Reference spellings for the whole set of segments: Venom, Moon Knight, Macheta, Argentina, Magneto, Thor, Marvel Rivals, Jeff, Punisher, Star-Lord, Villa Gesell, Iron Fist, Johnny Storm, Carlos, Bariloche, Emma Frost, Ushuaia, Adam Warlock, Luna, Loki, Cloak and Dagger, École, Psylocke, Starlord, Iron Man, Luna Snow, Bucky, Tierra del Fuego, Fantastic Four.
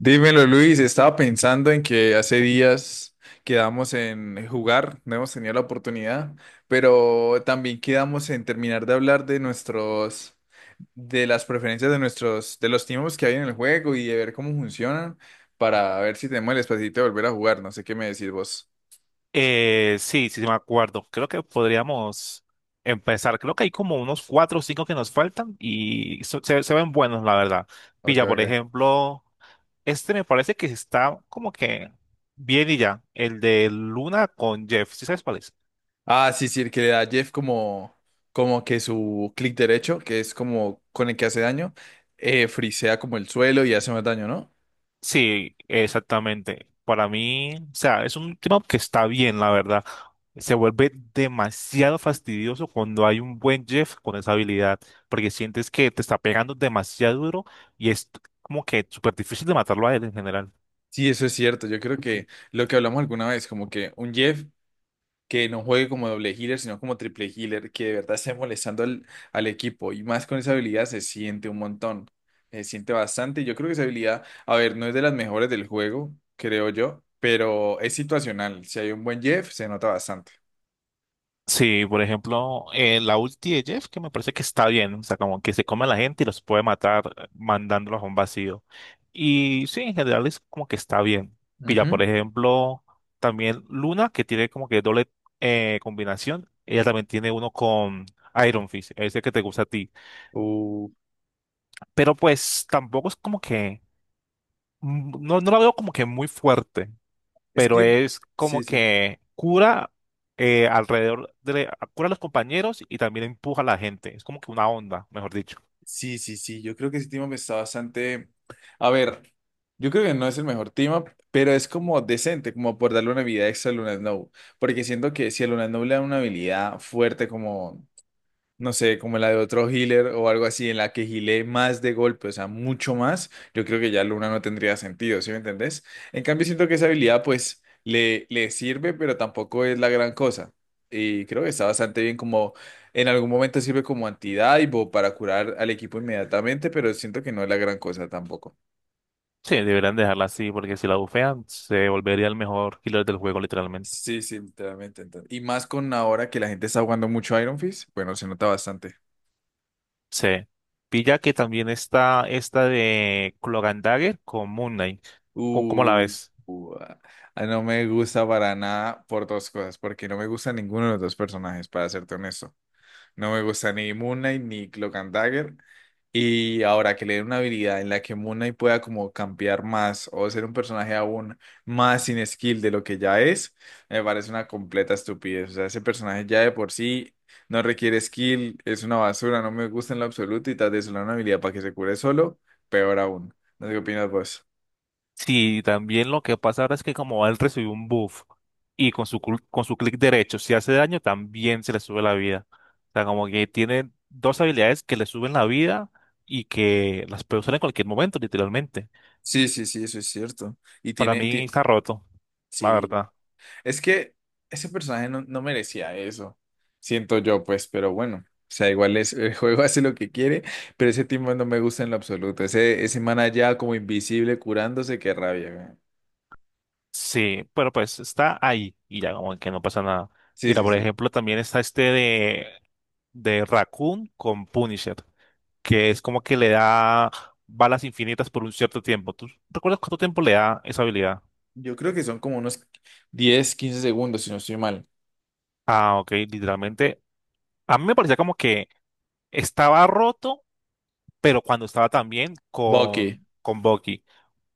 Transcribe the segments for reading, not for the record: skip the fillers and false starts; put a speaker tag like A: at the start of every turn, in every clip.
A: Dímelo, Luis. Estaba pensando en que hace días quedamos en jugar, no hemos tenido la oportunidad, pero también quedamos en terminar de hablar de nuestros, de las preferencias de nuestros, de los tiempos que hay en el juego y de ver cómo funcionan para ver si tenemos el espacio de volver a jugar. No sé qué me decís vos.
B: Sí, me acuerdo. Creo que podríamos empezar. Creo que hay como unos cuatro o cinco que nos faltan y se ven buenos, la verdad.
A: Ok,
B: Pilla, por
A: ok.
B: ejemplo, este me parece que está como que bien y ya. El de Luna con Jeff. ¿Sí sabes cuál es?
A: Ah, sí, sí, el que le da a Jeff como que su clic derecho, que es como con el que hace daño, frisea como el suelo y hace más daño, ¿no?
B: Sí, exactamente. Para mí, o sea, es un tema que está bien, la verdad. Se vuelve demasiado fastidioso cuando hay un buen Jeff con esa habilidad, porque sientes que te está pegando demasiado duro y es como que súper difícil de matarlo a él en general.
A: Sí, eso es cierto. Yo creo que lo que hablamos alguna vez, como que un Jeff que no juegue como doble healer, sino como triple healer, que de verdad esté molestando al equipo y más con esa habilidad se siente un montón, se siente bastante. Y yo creo que esa habilidad, a ver, no es de las mejores del juego, creo yo, pero es situacional. Si hay un buen Jeff, se nota bastante.
B: Sí, por ejemplo, la ulti de Jeff, que me parece que está bien, o sea, como que se come a la gente y los puede matar mandándolos a un vacío. Y sí, en general es como que está bien. Mira, por
A: Ujú.
B: ejemplo, también Luna, que tiene como que doble combinación, ella también tiene uno con Iron Fist, ese que te gusta a ti.
A: Uh,
B: Pero pues tampoco es como que, no, no la veo como que muy fuerte,
A: Es
B: pero
A: que,
B: es
A: sí,
B: como
A: sí.
B: que cura cura a los compañeros y también empuja a la gente. Es como que una onda, mejor dicho.
A: Sí, sí, sí, yo creo que ese tema está bastante. A ver, yo creo que no es el mejor tema, pero es como decente, como por darle una habilidad extra a Luna Snow, porque siento que si a Luna Snow le dan una habilidad fuerte como no sé, como la de otro healer o algo así, en la que healé más de golpe, o sea, mucho más, yo creo que ya Luna no tendría sentido, ¿sí me entendés? En cambio, siento que esa habilidad, pues, le sirve, pero tampoco es la gran cosa. Y creo que está bastante bien como, en algún momento sirve como antidive o para curar al equipo inmediatamente, pero siento que no es la gran cosa tampoco.
B: Sí, deberían dejarla así, porque si la bufean, se volvería el mejor killer del juego, literalmente.
A: Sí, sí, literalmente. Y más con ahora que la gente está jugando mucho Iron Fist, bueno, se nota bastante.
B: Sí. Pilla que también está esta de Cloak and Dagger con Moon Knight. ¿Cómo la
A: Uh,
B: ves?
A: uh, ah, no me gusta para nada por dos cosas, porque no me gusta ninguno de los dos personajes, para serte honesto. No me gusta ni Moon Knight ni Cloak and Dagger. Y ahora que le den una habilidad en la que Moon Knight pueda como campear más o ser un personaje aún más sin skill de lo que ya es, me parece una completa estupidez. O sea, ese personaje ya de por sí no requiere skill, es una basura, no me gusta en lo absoluto y tal vez le dan una habilidad para que se cure solo, peor aún. No sé qué opinas vos.
B: Sí, también lo que pasa ahora es que como él recibió un buff y con con su clic derecho, si hace daño, también se le sube la vida. O sea, como que tiene dos habilidades que le suben la vida y que las puede usar en cualquier momento, literalmente.
A: Sí, sí, sí, eso es cierto. Y
B: Para mí está roto, la
A: sí,
B: verdad.
A: es que ese personaje no merecía eso, siento yo, pues, pero bueno, o sea, igual es, el juego hace lo que quiere, pero ese tipo no me gusta en lo absoluto. Ese man allá como invisible curándose, qué rabia, weón.
B: Sí, pero pues está ahí y ya como que no pasa nada.
A: Sí,
B: Mira,
A: sí,
B: por
A: sí.
B: ejemplo, también está este de Raccoon con Punisher, que es como que le da balas infinitas por un cierto tiempo. ¿Tú recuerdas cuánto tiempo le da esa habilidad?
A: Yo creo que son como unos 10 15 segundos, si no estoy mal.
B: Ah, ok, literalmente. A mí me parecía como que estaba roto, pero cuando estaba también
A: Bucky.
B: con Bucky.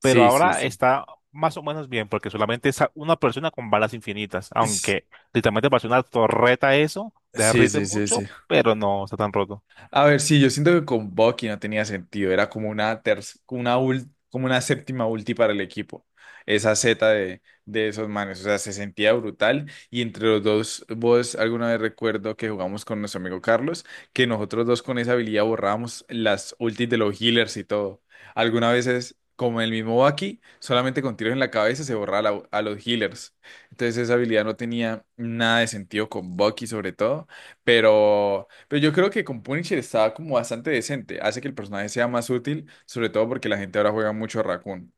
B: Pero
A: sí,
B: ahora
A: sí.
B: está más o menos bien, porque solamente es una persona con balas infinitas.
A: Es-
B: Aunque literalmente parece una torreta eso,
A: sí,
B: derrite
A: sí, sí,
B: mucho,
A: sí.
B: pero no está tan roto.
A: A ver, sí, yo siento que con Bucky no tenía sentido, era como una séptima ulti para el equipo, esa Z de esos manes, o sea, se sentía brutal y entre los dos, vos alguna vez recuerdo que jugamos con nuestro amigo Carlos, que nosotros dos con esa habilidad borrábamos las ultis de los healers y todo. Algunas veces, como el mismo Bucky, solamente con tiros en la cabeza se borraba a los healers, entonces esa habilidad no tenía nada de sentido con Bucky sobre todo, pero. Pero yo creo que con Punisher estaba como bastante decente. Hace que el personaje sea más útil, sobre todo porque la gente ahora juega mucho a Raccoon.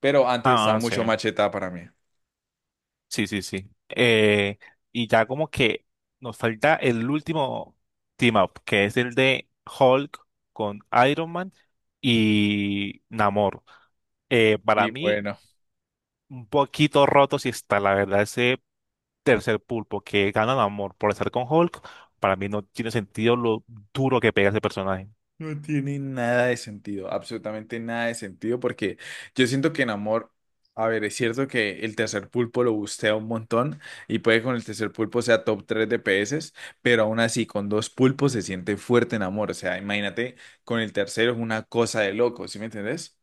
A: Pero antes estaba
B: Ah, sí.
A: mucho Macheta para mí.
B: Sí, sí, sí. Y ya como que nos falta el último team up, que es el de Hulk con Iron Man y Namor. Para
A: Y
B: mí,
A: bueno,
B: un poquito roto si está, la verdad, ese tercer pulpo que gana Namor por estar con Hulk, para mí no tiene sentido lo duro que pega ese personaje.
A: no tiene nada de sentido, absolutamente nada de sentido, porque yo siento que en Amor, a ver, es cierto que el tercer pulpo lo bustea un montón y puede que con el tercer pulpo sea top 3 DPS, pero aún así con dos pulpos se siente fuerte en Amor. O sea, imagínate, con el tercero es una cosa de loco, ¿sí me entendés?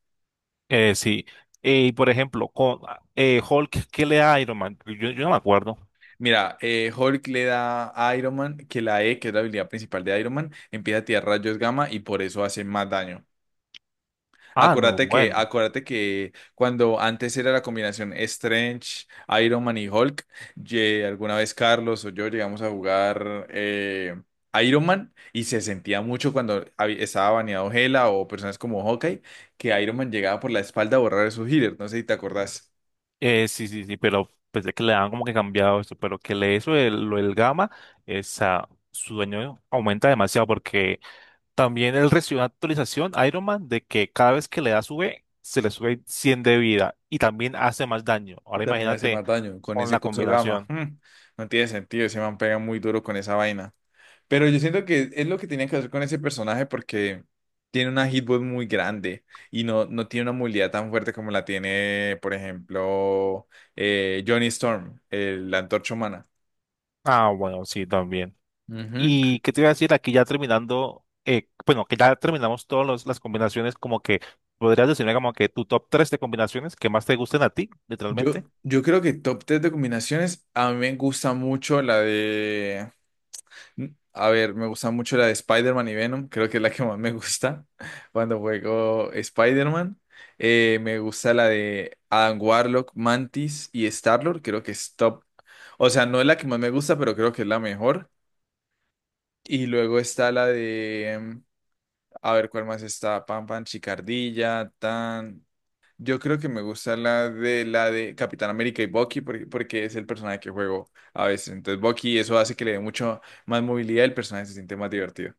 B: Sí. Y por ejemplo, con Hulk, ¿qué le da a Iron Man? Yo no me acuerdo.
A: Mira, Hulk le da a Iron Man que la E, que es la habilidad principal de Iron Man, empieza a tirar rayos gamma y por eso hace más daño.
B: Ah, no,
A: Acuérdate que,
B: bueno.
A: acuérdate que cuando antes era la combinación Strange, Iron Man y Hulk, alguna vez Carlos o yo llegamos a jugar Iron Man y se sentía mucho cuando estaba baneado Hela o personas como Hawkeye, que Iron Man llegaba por la espalda a borrar esos healers. No sé si te acordás.
B: Sí, sí, sí, pero pensé que le han como que cambiado esto, pero que le eso lo del gamma, su daño aumenta demasiado porque también él recibió una actualización Iron Man de que cada vez que le da sube, se le sube 100 de vida y también hace más daño.
A: Y
B: Ahora
A: también hace
B: imagínate
A: más daño con
B: con
A: ese
B: la
A: coso gamma.
B: combinación.
A: No tiene sentido, ese man pega muy duro con esa vaina. Pero yo siento que es lo que tenía que hacer con ese personaje porque tiene una hitbox muy grande y no tiene una movilidad tan fuerte como la tiene, por ejemplo, Johnny Storm, la antorcha humana.
B: Ah, bueno, sí, también.
A: Ujú.
B: ¿Y qué te iba a decir? Aquí ya terminando, bueno, que ya terminamos todas las combinaciones, como que podrías decirme como que tu top 3 de combinaciones que más te gusten a ti, literalmente.
A: Yo creo que top 3 de combinaciones, a mí me gusta mucho la de a ver, me gusta mucho la de Spider-Man y Venom, creo que es la que más me gusta cuando juego Spider-Man. Me gusta la de Adam Warlock, Mantis y Star-Lord, creo que es top. O sea, no es la que más me gusta, pero creo que es la mejor. Y luego está la de, a ver cuál más está, Pan Pan, Chicardilla, Tan. Yo creo que me gusta la de Capitán América y Bucky porque es el personaje que juego a veces. Entonces Bucky eso hace que le dé mucho más movilidad y el personaje se siente más divertido.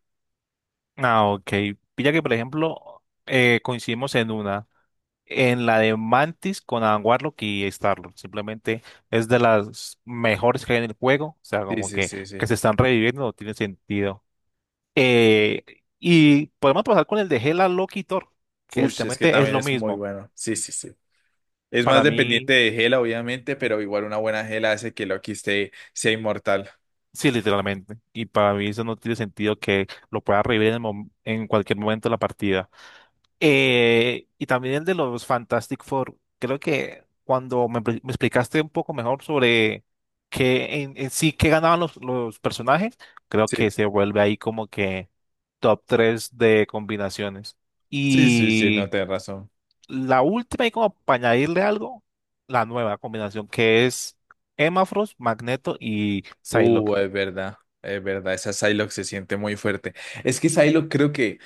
B: Ah, ok. Pilla que, por ejemplo, coincidimos en la de Mantis con Adam Warlock y Starlord. Simplemente es de las mejores que hay en el juego. O sea,
A: Sí,
B: como
A: sí, sí,
B: que
A: sí.
B: se están reviviendo, no tiene sentido. Eh, y podemos pasar con el de Hela, Loki y Thor, que
A: Ush, es que
B: literalmente es
A: también
B: lo
A: es muy
B: mismo.
A: bueno. Sí, sí, sí. Es más
B: Para
A: dependiente
B: mí,
A: de gela, obviamente, pero igual una buena gela hace que Loki esté, sea inmortal.
B: sí, literalmente. Y para mí eso no tiene sentido que lo pueda revivir en cualquier momento de la partida. Y también el de los Fantastic Four. Creo que cuando me explicaste un poco mejor sobre qué en sí qué ganaban los personajes, creo que
A: Sí,
B: se vuelve ahí como que top 3 de combinaciones.
A: sí, sí, sí,
B: Y
A: no tenés razón.
B: la última, y como para añadirle algo, la nueva combinación que es Emma Frost, Magneto y Psylocke.
A: Es verdad, es verdad. Esa Psylocke se siente muy fuerte. Es que Psylocke creo que,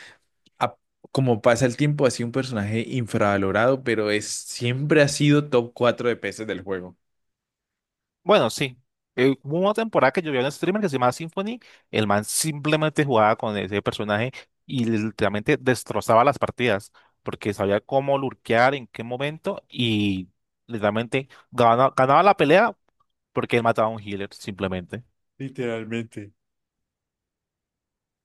A: a- como pasa el tiempo, ha sido un personaje infravalorado, pero siempre ha sido top 4 de peces del juego.
B: Bueno, sí. Hubo una temporada que yo vi a un streamer que se llamaba Symphony. El man simplemente jugaba con ese personaje y literalmente destrozaba las partidas porque sabía cómo lurkear, en qué momento y literalmente ganaba la pelea porque él mataba a un healer simplemente.
A: Literalmente.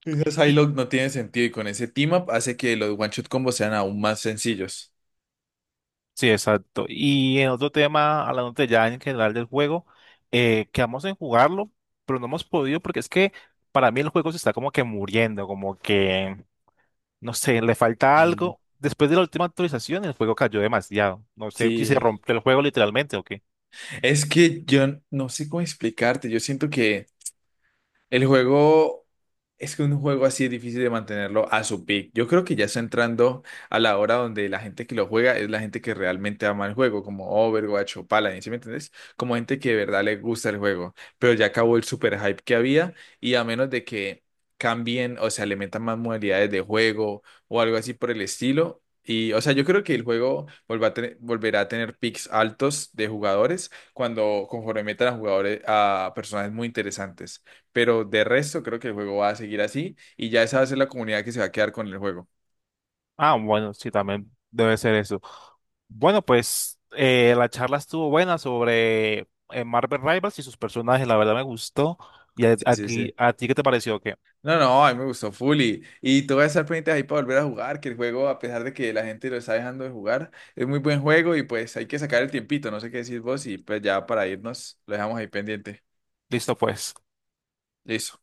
A: Esa
B: Y,
A: Psylocke no tiene sentido y con ese team up hace que los one-shot combos sean aún más sencillos.
B: sí, exacto. Y en otro tema, hablando ya en general del juego, quedamos en jugarlo, pero no hemos podido porque es que para mí el juego se está como que muriendo, como que. No sé, le falta
A: Sí.
B: algo. Después de la última actualización, el juego cayó demasiado. No sé si se
A: Sí,
B: rompió el juego literalmente o qué.
A: es que yo no sé cómo explicarte, yo siento que. El juego es que un juego así es difícil de mantenerlo a su peak. Yo creo que ya está entrando a la hora donde la gente que lo juega es la gente que realmente ama el juego, como Overwatch o Paladin, ¿sí me entiendes? Como gente que de verdad le gusta el juego. Pero ya acabó el super hype que había y a menos de que cambien, o sea, le metan más modalidades de juego o algo así por el estilo. Y, o sea, yo creo que el juego volverá a tener peaks altos de jugadores cuando conforme metan a jugadores a personajes muy interesantes. Pero de resto, creo que el juego va a seguir así y ya esa va a ser la comunidad que se va a quedar con el juego.
B: Ah, bueno, sí, también debe ser eso. Bueno, pues la charla estuvo buena sobre Marvel Rivals y sus personajes. La verdad me gustó. ¿Y
A: Sí, sí, sí.
B: a ti qué te pareció? ¿Qué?
A: No, no, a mí me gustó Fully. Y tú vas a estar pendiente ahí para volver a jugar, que el juego, a pesar de que la gente lo está dejando de jugar, es muy buen juego y pues hay que sacar el tiempito. No sé qué decís vos y pues ya para irnos, lo dejamos ahí pendiente.
B: Listo, pues.
A: Listo.